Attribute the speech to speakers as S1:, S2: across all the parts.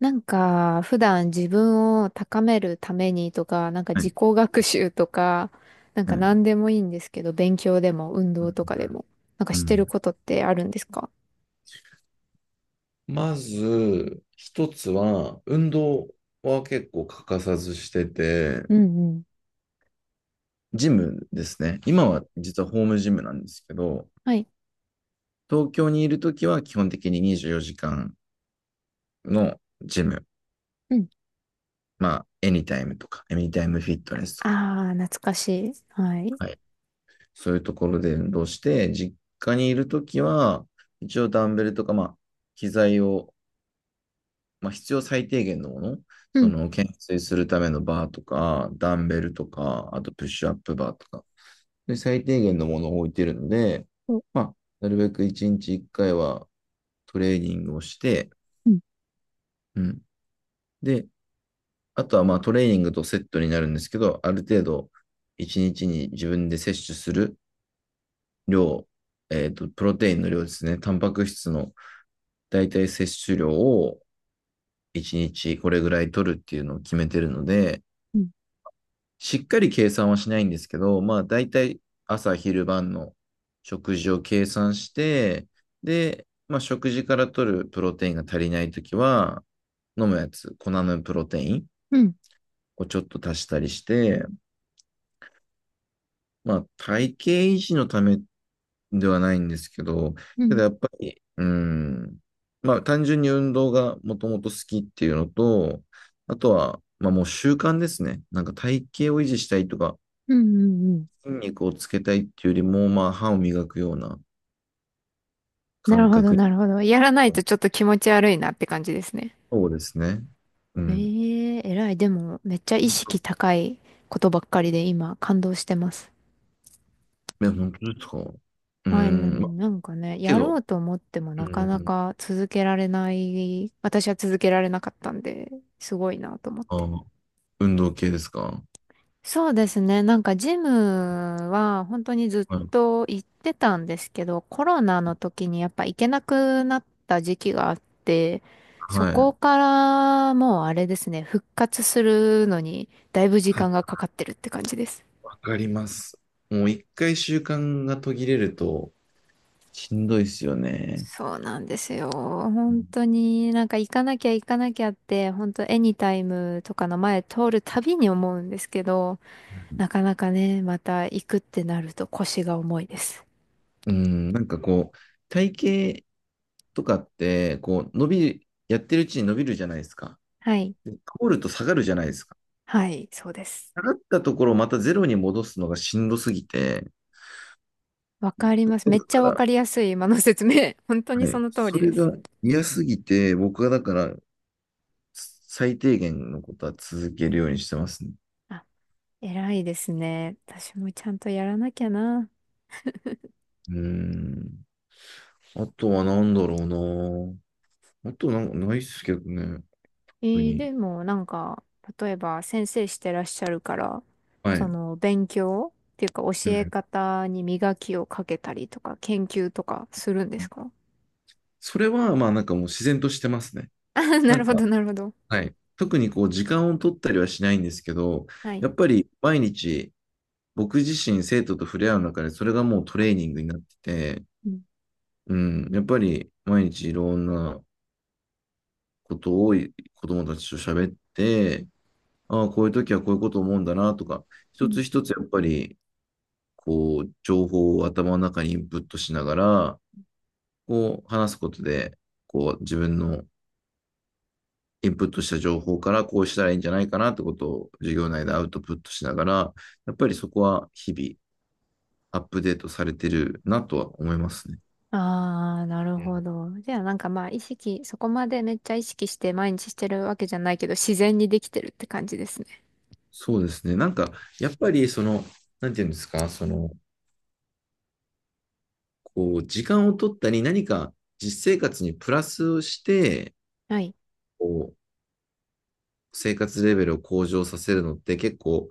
S1: 普段自分を高めるためにとか、
S2: は
S1: 自
S2: い、
S1: 己学習とか、
S2: は
S1: 何
S2: い。
S1: でもいいんですけど、勉強でも運動とかでも、
S2: う
S1: してる
S2: ん。
S1: ことってあるんですか？
S2: まず、一つは、運動は結構欠かさずしてて、
S1: うんうん。
S2: ジムですね。今は実はホームジムなんですけど、
S1: はい。
S2: 東京にいるときは基本的に24時間のジム、
S1: うん。
S2: まあ、エニタイムとか、エニタイムフィットネスとか、
S1: ああ、懐かしい。はい。
S2: はい。そういうところで運動して、実家にいるときは、一応ダンベルとか、まあ、機材をまあ、必要最低限のもの、
S1: う
S2: そ
S1: ん。
S2: の懸垂するためのバーとか、ダンベルとか、あとプッシュアップバーとか、で最低限のものを置いてるので、
S1: おう
S2: まあ、なるべく1日1回はトレーニングをして、
S1: ん
S2: うん。で、あとはまあトレーニングとセットになるんですけど、ある程度1日にちに自分で摂取する量、プロテインの量ですね、タンパク質の大体摂取量を1日これぐらい取るっていうのを決めてるので、
S1: うん。
S2: しっかり計算はしないんですけど、まあ大体朝昼晩の食事を計算して、で、まあ食事から取るプロテインが足りないときは、飲むやつ、粉のプロテイン
S1: うん。
S2: をちょっと足したりして、まあ体型維持のためではないんですけど、
S1: う
S2: け
S1: ん。
S2: どやっぱり、うん、まあ単純に運動がもともと好きっていうのと、あとは、まあもう習慣ですね。なんか体型を維持したいとか、
S1: うん。うんうん。
S2: 筋肉をつけたいっていうよりも、まあ、歯を磨くような
S1: なる
S2: 感
S1: ほど、
S2: 覚。
S1: なるほど。やらないとちょっと気持ち悪いなって感じですね。
S2: そうですね。う
S1: え、
S2: ん。
S1: え偉い。でも、めっちゃ意識高いことばっかりで今、感動してます。
S2: え、本当ですか？うー
S1: はい、
S2: ん。ま、
S1: なんかね、
S2: け
S1: やろ
S2: ど、
S1: うと思っても
S2: う
S1: なかな
S2: ん。
S1: か続けられない、私は続けられなかったんで、すごいなと思って。
S2: あ、運動系ですか？
S1: そうですね、ジムは本当にずっ
S2: はい。
S1: と行ってたんですけど、コロナの時にやっぱ行けなくなった時期があって、そ
S2: は
S1: こ
S2: い。
S1: からもうあれですね、復活するのにだいぶ時
S2: はい、
S1: 間がかかってるって感じです。
S2: わかります。もう一回習慣が途切れると、しんどいですよね。
S1: そうなんですよ。本
S2: う
S1: 当に行かなきゃ行かなきゃって、本当エニタイムとかの前通るたびに思うんですけど、
S2: ん。
S1: なかなかね、また行くってなると腰が重いです。
S2: うん。なんかこう、体型とかって、こう、やってるうちに伸びるじゃないですか。
S1: はい。
S2: で、通ると下がるじゃないですか。
S1: はい、そうです。
S2: 下がったところをまたゼロに戻すのがしんどすぎて、
S1: わかります。め
S2: だ
S1: っち
S2: か
S1: ゃわ
S2: ら、
S1: かりやすい今の説明。本当に
S2: は
S1: そ
S2: い、
S1: の通
S2: そ
S1: りで
S2: れ
S1: す。
S2: が嫌すぎて、僕はだから、最低限のことは続けるようにしてますね。
S1: あ、偉いですね。私もちゃんとやらなきゃな。
S2: うーん。あとは何だろうな。あとなんかないっすけどね、
S1: え
S2: 特
S1: ー
S2: に。
S1: でも例えば先生してらっしゃるから、
S2: は
S1: そ
S2: い。
S1: の勉強っていうか教
S2: う
S1: え
S2: ん。
S1: 方に磨きをかけたりとか研究とかするんですか？
S2: それは、まあなんかもう自然としてますね。
S1: あ、 な
S2: な
S1: る
S2: ん
S1: ほ
S2: か、
S1: ど、なるほど。
S2: はい。特にこう、時間を取ったりはしないんですけど、
S1: はい。
S2: やっぱり毎日、僕自身生徒と触れ合う中で、それがもうトレーニングになってて、
S1: うん
S2: うん、やっぱり毎日いろんなことを子供たちと喋って、ああ、こういう時はこういうこと思うんだなとか、
S1: う
S2: 一つ
S1: ん。
S2: 一つやっぱり、こう、情報を頭の中にインプットしながら、こう、話すことで、こう、自分のインプットした情報からこうしたらいいんじゃないかなってことを授業内でアウトプットしながら、やっぱりそこは日々アップデートされてるなとは思いますね。
S1: ああ、なる
S2: う
S1: ほ
S2: ん。
S1: ど。じゃあまあ意識、そこまでめっちゃ意識して毎日してるわけじゃないけど、自然にできてるって感じですね。
S2: そうですね。なんか、やっぱり、その、なんていうんですか、その、こう、時間を取ったり、何か実生活にプラスをして、
S1: はい。
S2: こう、生活レベルを向上させるのって結構、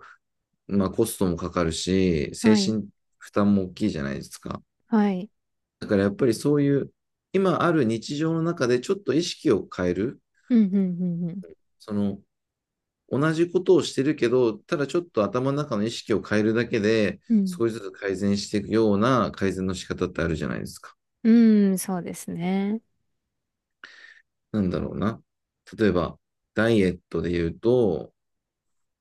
S2: まあコストもかかるし、精
S1: はい。
S2: 神負担も大きいじゃないですか。
S1: はい。
S2: だからやっぱりそういう、今ある日常の中でちょっと意識を変える、
S1: うん、うん、うん、うん。
S2: その、同じことをしてるけど、ただちょっと頭の中の意識を変えるだけで、
S1: う
S2: 少しずつ改善していくような改善の仕方ってあるじゃないですか。
S1: ん、うん、そうですね。
S2: なんだろうな。例えば、ダイエットで言うと、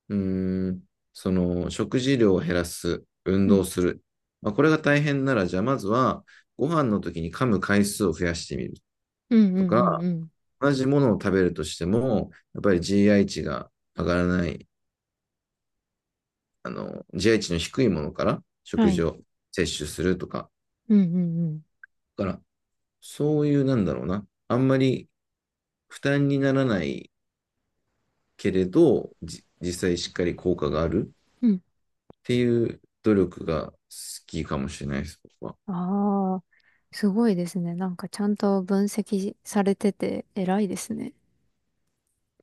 S2: うーん、その食事量を減らす、運
S1: う
S2: 動
S1: ん。
S2: する。まあ、これが大変なら、じゃあまずはご飯の時に噛む回数を増やしてみる
S1: うん、う
S2: と
S1: ん、うん、
S2: か、
S1: うん。
S2: 同じものを食べるとしても、やっぱり GI 値が上がらない、GI 値の低いものから
S1: は
S2: 食事
S1: い。
S2: を摂取するとか、
S1: うん、うん、うん。
S2: だからそういうなんだろうな、あんまり負担にならないけれど、実際しっかり効果がある
S1: うん。
S2: っていう努力が好きかもしれないです、僕は。
S1: ああ、すごいですね。ちゃんと分析されてて偉いですね。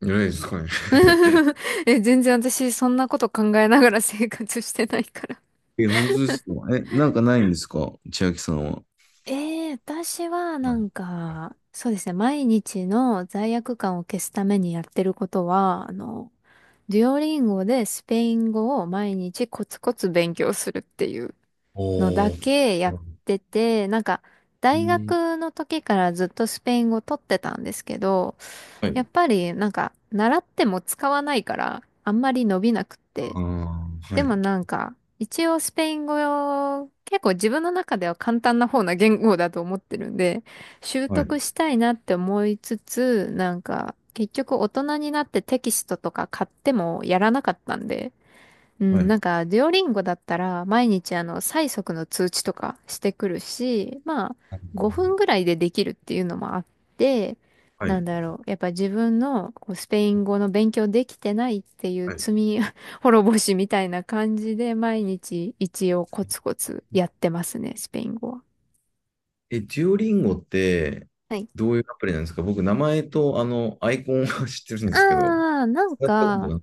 S2: じゃないですかね。
S1: え、全然私そんなこと考えながら生活してないから。
S2: え、本当ですか？え、なんかないんですか、千秋さんは？
S1: ええ、私は
S2: はい。
S1: そうですね、毎日の罪悪感を消すためにやってることは、デュオリンゴでスペイン語を毎日コツコツ勉強するっていう。の
S2: お
S1: だ
S2: ー。
S1: けやってて、
S2: う
S1: 大
S2: ん。
S1: 学の時からずっとスペイン語取ってたんですけど、
S2: は
S1: やっ
S2: い。
S1: ぱり習っても使わないからあんまり伸びなくって。
S2: ああ、は
S1: でも
S2: い。
S1: 一応スペイン語を結構自分の中では簡単な方な言語だと思ってるんで、習
S2: はい。
S1: 得したいなって思いつつ、結局大人になってテキストとか買ってもやらなかったんで、う
S2: は
S1: ん、
S2: い。
S1: デュオリンゴだったら、毎日催促の通知とかしてくるし、まあ、5分ぐらいでできるっていうのもあって、
S2: は
S1: な
S2: い。
S1: んだろう、やっぱ自分のこうスペイン語の勉強できてないっていう
S2: はい。
S1: 罪 滅ぼしみたいな感じで、毎日一応コツコツやってますね、スペイン語は。
S2: え、デュオリンゴって、
S1: はい。
S2: どういうアプリなんですか？僕、名前と、アイコンは 知ってるんですけど、
S1: ああ
S2: 使ったことがな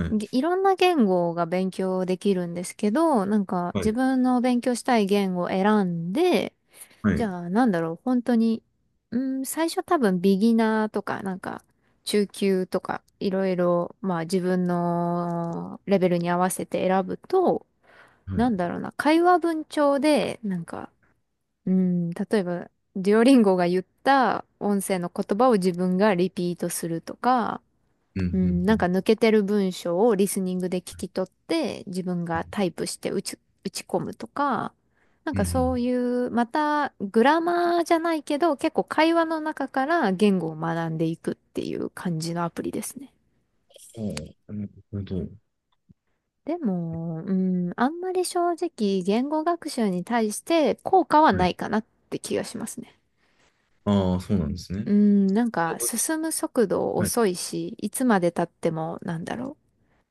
S2: い。はい。
S1: いろんな言語が勉強できるんですけど、
S2: は
S1: 自
S2: い。
S1: 分の勉強したい言語を選んで、
S2: は
S1: じ
S2: い。
S1: ゃあ、なんだろう、本当に、最初多分ビギナーとか、中級とか、いろいろ、まあ自分のレベルに合わせて選ぶと、
S2: はい。う
S1: な
S2: ん、
S1: んだろうな、会話文帳で、例えば、デュオリンゴが言った音声の言葉を自分がリピートするとか、
S2: うん、
S1: う
S2: う
S1: ん、
S2: ん。
S1: 抜けてる文章をリスニングで聞き取って、自分がタイプして打ち込むとか、
S2: うん、う
S1: そ
S2: ん。
S1: ういう、またグラマーじゃないけど、結構会話の中から言語を学んでいくっていう感じのアプリですね。
S2: そう。なるほど。
S1: でも、うん、あんまり正直言語学習に対して効果は
S2: は
S1: な
S2: い。
S1: いかなって気がしますね。
S2: ああ、そうなんですね。
S1: う
S2: じ
S1: ん、
S2: ゃあ、どっち。
S1: 進む速度
S2: はい。
S1: 遅いし、いつまで経ってもなんだろ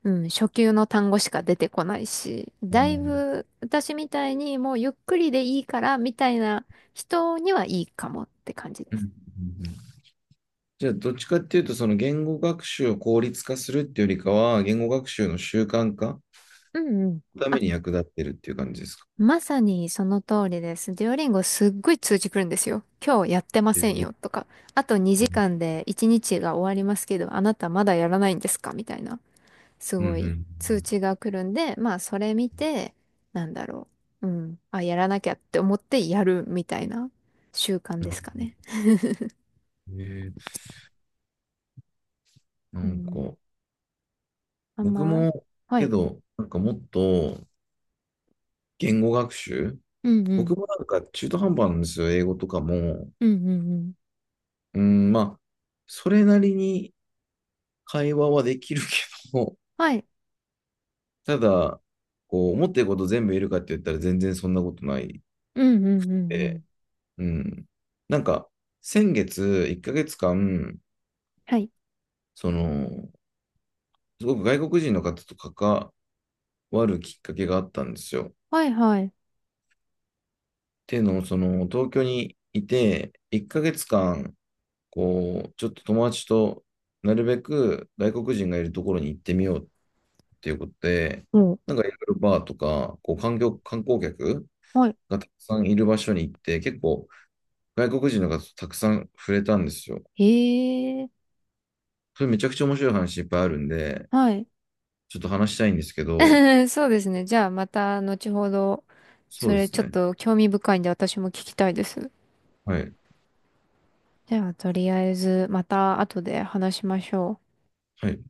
S1: う。うん、初級の単語しか出てこないし、
S2: ああ、う
S1: だ
S2: ん、
S1: い
S2: うん、
S1: ぶ私みたいにもうゆっくりでいいからみたいな人にはいいかもって感じで
S2: う
S1: す。
S2: ん。じゃあ、どっちかっていうと、その言語学習を効率化するっていうよりかは、言語学習の習慣化
S1: うんうん。
S2: のた
S1: あ、
S2: めに役立ってるっていう感じですか？
S1: まさにその通りです。デュオリンゴすっごい通知来るんですよ。今日やってま
S2: え
S1: せん
S2: ー、
S1: よとか、あと
S2: う
S1: 2
S2: ん、
S1: 時間で1日が終わりますけど、あなたまだやらないんですかみたいな、す
S2: う
S1: ごい
S2: ん、
S1: 通知が来るんで、まあそれ見て、なんだろう。うん。あ、やらなきゃって思ってやるみたいな習慣
S2: うん。
S1: で
S2: な
S1: すかね。
S2: えーな
S1: う
S2: んか、
S1: ん。あん
S2: 僕
S1: ま、
S2: も、
S1: は
S2: け
S1: い。
S2: ど、なんかもっと言語学習、
S1: うんうん。
S2: 僕もなんか中途半端なんですよ、英語とかも。
S1: うんうんうん。
S2: うん、まあ、それなりに会話はできるけど、
S1: はい。
S2: ただ、こう、思ってること全部言えるかって言ったら全然そんなことない。
S1: うんうんうんうん。
S2: うん。なんか、先月、1ヶ月間、
S1: はい。
S2: その、すごく外国人の方と関わるきっかけがあったんですよ。っ
S1: はいはい。
S2: ていうのも、その、東京にいて、1ヶ月間、こう、ちょっと友達となるべく外国人がいるところに行ってみようっていうことで、
S1: も
S2: なんかいろいろバーとか、こう、観光客
S1: うはい。
S2: がたくさんいる場所に行って、結構外国人の方とたくさん触れたんですよ。
S1: へえ。
S2: それめちゃくちゃ面白い話いっぱいあるんで、
S1: はい。
S2: ちょっと話したいんですけど、
S1: そうですね。じゃあまた後ほど、
S2: そ
S1: そ
S2: うで
S1: れ
S2: す
S1: ちょっ
S2: ね。
S1: と興味深いんで私も聞きたいです。
S2: はい。
S1: じゃあとりあえずまた後で話しましょう。
S2: はい。